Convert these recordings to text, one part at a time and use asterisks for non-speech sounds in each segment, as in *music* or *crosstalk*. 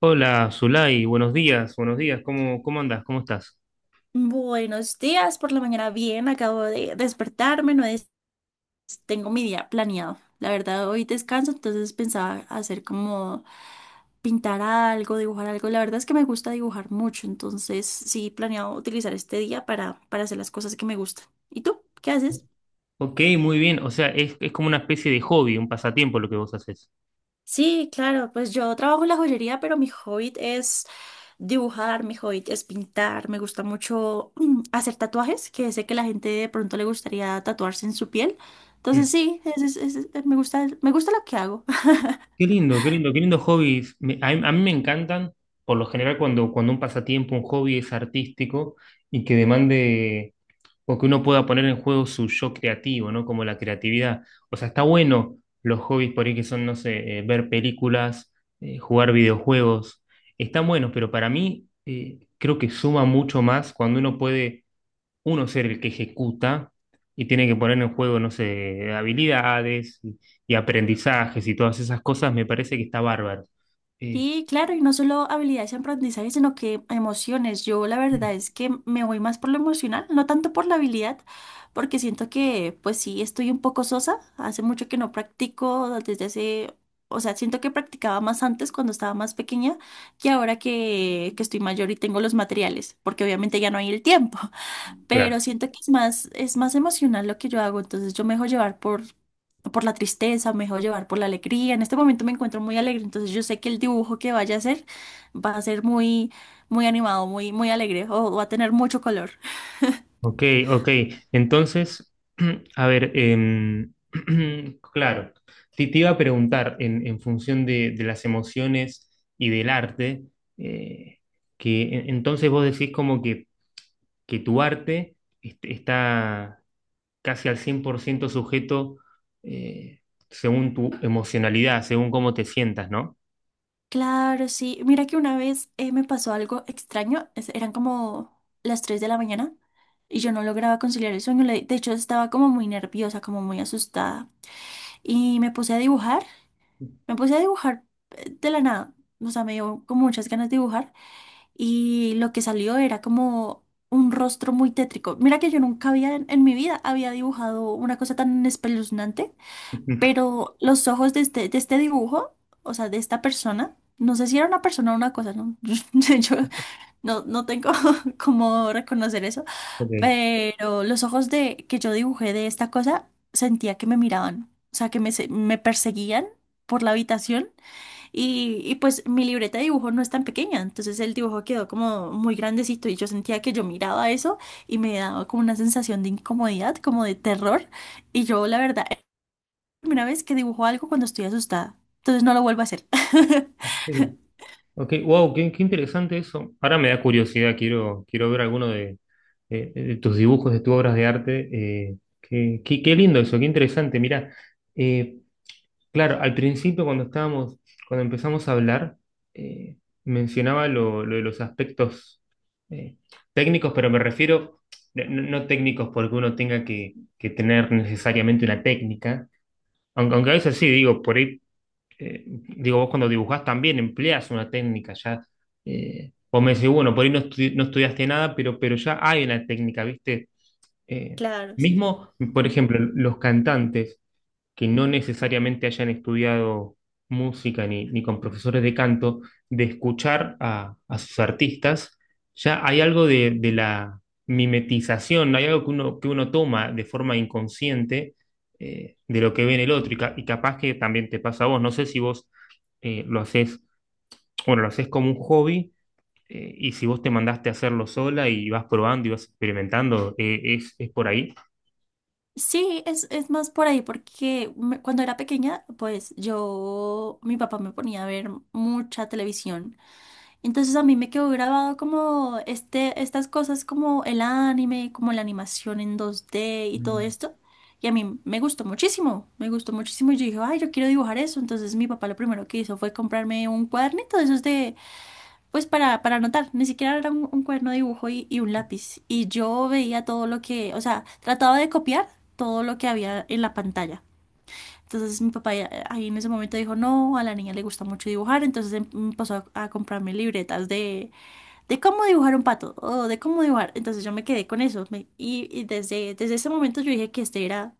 Hola, Zulay, buenos días, ¿cómo andás? ¿Cómo estás? Buenos días. Por la mañana bien, acabo de despertarme, no es, tengo mi día planeado. La verdad, hoy descanso, entonces pensaba hacer como pintar algo, dibujar algo. La verdad es que me gusta dibujar mucho, entonces sí planeado utilizar este día para hacer las cosas que me gustan. ¿Y tú? ¿Qué haces? Ok, muy bien, o sea, es como una especie de hobby, un pasatiempo lo que vos haces. Sí, claro, pues yo trabajo en la joyería, pero mi hobby es dibujar, mi hobby es pintar, me gusta mucho hacer tatuajes, que sé que la gente de pronto le gustaría tatuarse en su piel. Mm. Entonces sí, me gusta lo que hago. *laughs* Qué lindo, qué lindo, qué lindo hobbies. A mí me encantan, por lo general, cuando un pasatiempo, un hobby es artístico y que demande o que uno pueda poner en juego su yo creativo, ¿no? Como la creatividad. O sea, está bueno los hobbies por ahí que son, no sé, ver películas, jugar videojuegos. Están buenos, pero para mí creo que suma mucho más cuando uno puede, uno ser el que ejecuta y tiene que poner en juego, no sé, habilidades y aprendizajes y todas esas cosas, me parece que está bárbaro. Eh, Sí, claro, y no solo habilidades y aprendizaje, sino que emociones. Yo la verdad es que me voy más por lo emocional, no tanto por la habilidad, porque siento que, pues sí, estoy un poco sosa. Hace mucho que no practico, desde hace, o sea, siento que practicaba más antes cuando estaba más pequeña que ahora que estoy mayor y tengo los materiales, porque obviamente ya no hay el tiempo, claro. pero siento que es más emocional lo que yo hago, entonces yo me dejo llevar por la tristeza, me dejo llevar por la alegría. En este momento me encuentro muy alegre, entonces yo sé que el dibujo que vaya a hacer va a ser muy, muy animado, muy, muy alegre o va a tener mucho color. Ok, ok. Entonces, *clears throat* a ver, *clears throat* claro, te iba a preguntar en función de las emociones y del arte, eh, que entonces vos decís como que tu arte está casi al 100% sujeto eh, según tu emocionalidad, según cómo te sientas, ¿no? Claro, sí. Mira que una vez me pasó algo extraño, eran como las 3 de la mañana. Y yo no lograba conciliar el sueño, de hecho estaba como muy nerviosa, como muy asustada. Y me puse a dibujar. Me puse a dibujar de la nada, o sea, me dio como muchas ganas de dibujar, y lo que salió era como un rostro muy tétrico. Mira que yo nunca había en mi vida había dibujado una cosa tan espeluznante, *laughs* pero los ojos de de este dibujo, o sea, de esta persona, no sé si era una persona o una cosa, no, *laughs* yo no tengo *laughs* cómo reconocer eso, Ok, pero los ojos de que yo dibujé de esta cosa sentía que me miraban, o sea, que me, me perseguían por la habitación. Y pues mi libreta de dibujo no es tan pequeña, entonces el dibujo quedó como muy grandecito y yo sentía que yo miraba eso y me daba como una sensación de incomodidad, como de terror. Y yo, la verdad, es la primera vez que dibujo algo cuando estoy asustada, entonces no lo vuelvo a hacer. *laughs* ok. Ok, wow, qué, qué interesante eso. Ahora me da curiosidad, quiero, quiero ver alguno de, de tus dibujos, de tus obras de arte. Qué, qué lindo eso, qué interesante. Mira, eh, claro, al principio cuando estábamos, cuando empezamos a hablar, eh, mencionaba lo de los aspectos eh, técnicos, pero me refiero, no, no técnicos porque uno tenga que tener necesariamente una técnica, aunque, aunque a veces sí, digo, por ahí digo, vos cuando dibujás también empleás una técnica, ya, vos me decís, bueno, por ahí no, no estudiaste nada, pero ya hay una técnica, ¿viste? Eh, Claro, sí. mismo, por ejemplo, los cantantes que no necesariamente hayan estudiado música ni, ni con profesores de canto, de escuchar a sus artistas, ya hay algo de la mimetización, hay algo que uno toma de forma inconsciente de lo que ve en el otro, y, y capaz que también te pasa a vos, no sé si vos lo haces, bueno, lo haces como un hobby. Y si vos te mandaste a hacerlo sola y vas probando y vas experimentando, es por ahí. Sí, es más por ahí, porque cuando era pequeña, pues yo, mi papá me ponía a ver mucha televisión. Entonces a mí me quedó grabado como estas cosas como el anime, como la animación en 2D y todo Mm, esto. Y a mí me gustó muchísimo, me gustó muchísimo. Y yo dije, ay, yo quiero dibujar eso. Entonces mi papá lo primero que hizo fue comprarme un cuadernito de esos de, pues para anotar. Ni siquiera era un cuaderno de dibujo y un lápiz. Y yo veía todo lo que, o sea, trataba de copiar todo lo que había en la pantalla. Entonces mi papá ahí en ese momento dijo, no, a la niña le gusta mucho dibujar, entonces empezó a comprarme libretas de cómo dibujar un pato o de cómo dibujar. Entonces yo me quedé con eso. Y y desde ese momento yo dije que este era,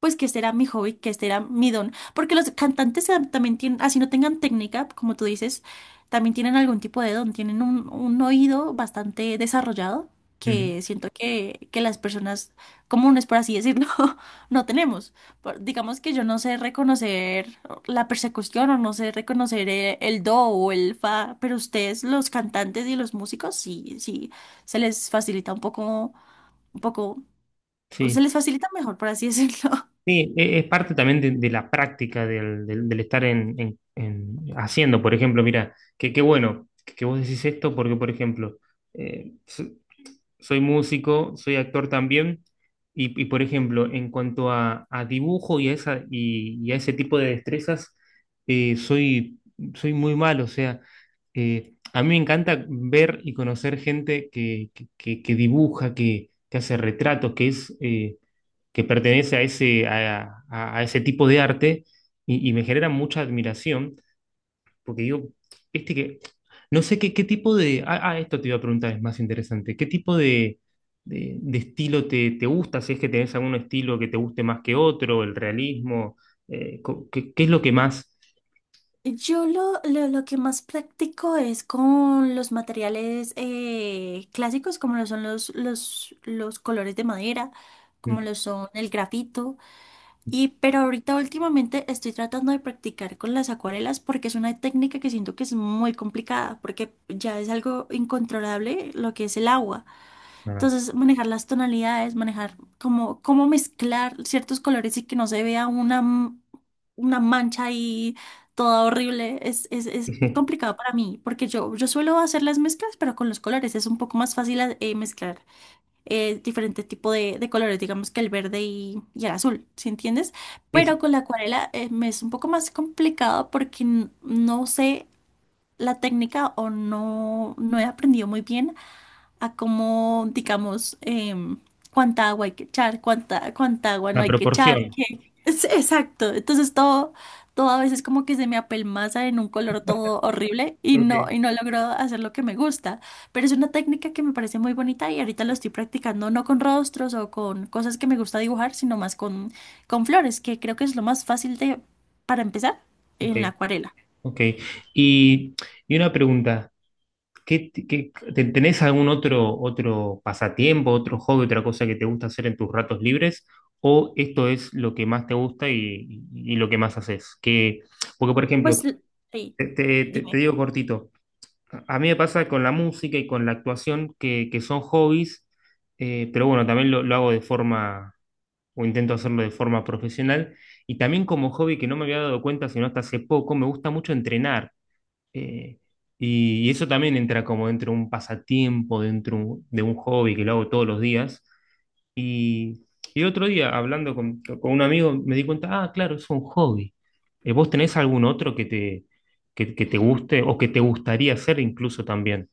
pues que este era mi hobby, que este era mi don. Porque los cantantes también tienen, así no tengan técnica, como tú dices, también tienen algún tipo de don, tienen un oído bastante desarrollado ujú. que siento que las personas comunes, por así decirlo, *laughs* no tenemos. Digamos que yo no sé reconocer la persecución o no sé reconocer el do o el fa, pero ustedes, los cantantes y los músicos, sí, sí, se les facilita un poco, se Sí. les facilita mejor, por así decirlo. *laughs* Sí, es parte también de la práctica del, del estar en, haciendo, por ejemplo, mira, que qué bueno que vos decís esto porque, por ejemplo, eh, so- soy músico, soy actor también, y, por ejemplo, en cuanto a dibujo y a, esa, y a ese tipo de destrezas, soy, soy muy malo, o sea, a mí me encanta ver y conocer gente que, que dibuja, que hace retratos, que es... que pertenece a ese, a, a ese tipo de arte y me genera mucha admiración, porque digo, viste que, no sé qué, qué tipo de, ah, ah, esto te iba a preguntar, es más interesante, ¿qué tipo de, de estilo te, te gusta? Si es que tenés algún estilo que te guste más que otro, el realismo, ¿qué, qué es lo que más... Yo lo que más practico es con los materiales clásicos, como lo son los colores de madera, como Mm, lo son el grafito. Y pero ahorita últimamente estoy tratando de practicar con las acuarelas porque es una técnica que siento que es muy complicada porque ya es algo incontrolable lo que es el agua. nada. Entonces manejar las tonalidades, manejar cómo, cómo mezclar ciertos colores y que no se vea una, una mancha ahí toda horrible es *laughs* complicado para mí porque yo suelo hacer las mezclas pero con los colores es un poco más fácil mezclar diferente tipo de colores, digamos que el verde y el azul, ¿sí entiendes? Es Pero con la acuarela me es un poco más complicado porque no sé la técnica o no, no he aprendido muy bien a cómo, digamos, cuánta agua hay que echar, cuánta, cuánta agua no La hay que echar. proporción. Exacto. Entonces todo, todo a veces como que se me apelmaza en un color todo horrible Ok, y no logro hacer lo que me gusta. Pero es una técnica que me parece muy bonita y ahorita lo estoy practicando no con rostros o con cosas que me gusta dibujar, sino más con flores, que creo que es lo más fácil de, para empezar ok. en la acuarela. Ok. Y, y una pregunta. ¿Qué, tenés algún otro, otro pasatiempo, otro hobby, otra cosa que te gusta hacer en tus ratos libres? ¿O esto es lo que más te gusta y lo que más haces? Que, porque, por Pues ejemplo, l- sí, te, te dime. digo cortito, a mí me pasa con la música y con la actuación que son hobbies, pero bueno, también lo hago de forma, o intento hacerlo de forma profesional. Y también como hobby que no me había dado cuenta sino hasta hace poco, me gusta mucho entrenar. Eh, y eso también entra como dentro de un pasatiempo, dentro de un hobby que lo hago todos los días. Y, y otro día, hablando con un amigo, me di cuenta, ah, claro, es un hobby. ¿Vos tenés algún otro que te guste o que te gustaría hacer incluso también?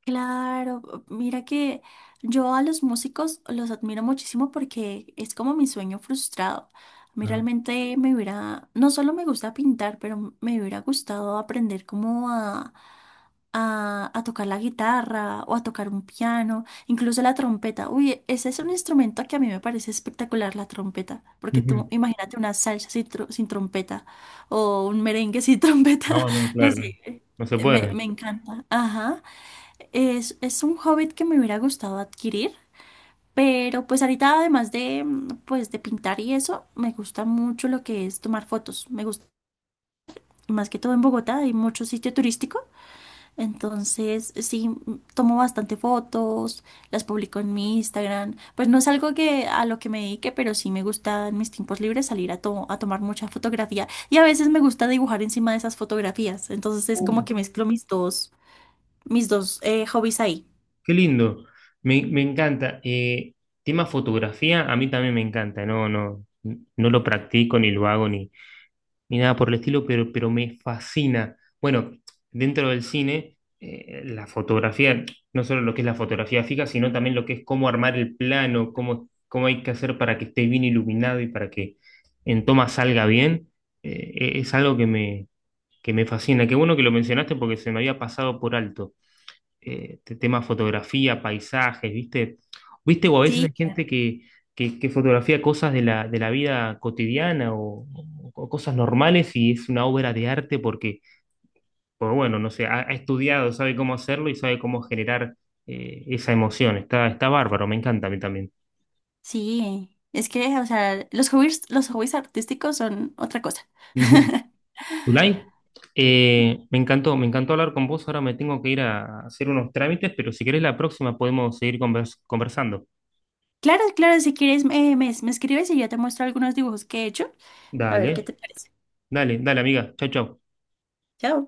Claro, mira que yo a los músicos los admiro muchísimo porque es como mi sueño frustrado. A mí Ah. realmente me hubiera, no solo me gusta pintar, pero me hubiera gustado aprender como a, a tocar la guitarra o a tocar un piano, incluso la trompeta. Uy, ese es un instrumento que a mí me parece espectacular, la trompeta, porque tú Ujú. imagínate una salsa sin, sin trompeta o un merengue sin *laughs* trompeta, No, no, no claro. sé, No se me, puede. me encanta. Ajá. Es un hobbit que me hubiera gustado adquirir, pero pues ahorita además de pues de pintar y eso, me gusta mucho lo que es tomar fotos. Me gusta, más que todo en Bogotá hay mucho sitio turístico, entonces sí tomo bastante fotos, las publico en mi Instagram. Pues no es algo que a lo que me dedique, pero sí me gusta en mis tiempos libres salir a, a tomar mucha fotografía y a veces me gusta dibujar encima de esas fotografías. Entonces es como Uh, que mezclo mis dos hobbies ahí. qué lindo. Me encanta. Tema fotografía, a mí también me encanta. No, no, no lo practico ni lo hago ni nada por el estilo, pero me fascina. Bueno, dentro del cine, la fotografía, no solo lo que es la fotografía fija, sino también lo que es cómo armar el plano, cómo, cómo hay que hacer para que esté bien iluminado y para que en toma salga bien, e, es algo que me fascina. Qué bueno que lo mencionaste porque se me había pasado por alto tema fotografía, paisajes, ¿viste? ¿Viste? O a veces Sí, hay gente que fotografía cosas de la vida cotidiana o, cosas normales y es una obra de arte porque, pues bueno, no sé, ha, ha estudiado, sabe cómo hacerlo y sabe cómo generar esa emoción. Está, está bárbaro, me encanta a mí también. sí, es que, o sea, los hobbies artísticos son otra cosa. Ujú. *laughs* Zulay, me encantó hablar con vos. Ahora me tengo que ir a hacer unos trámites, pero si querés la próxima podemos seguir conversando. Claro, claro, si quieres, me, me escribes y yo te muestro algunos dibujos que he hecho. A ver qué Dale, te parece. dale, dale, amiga. Chau, chau. Chao.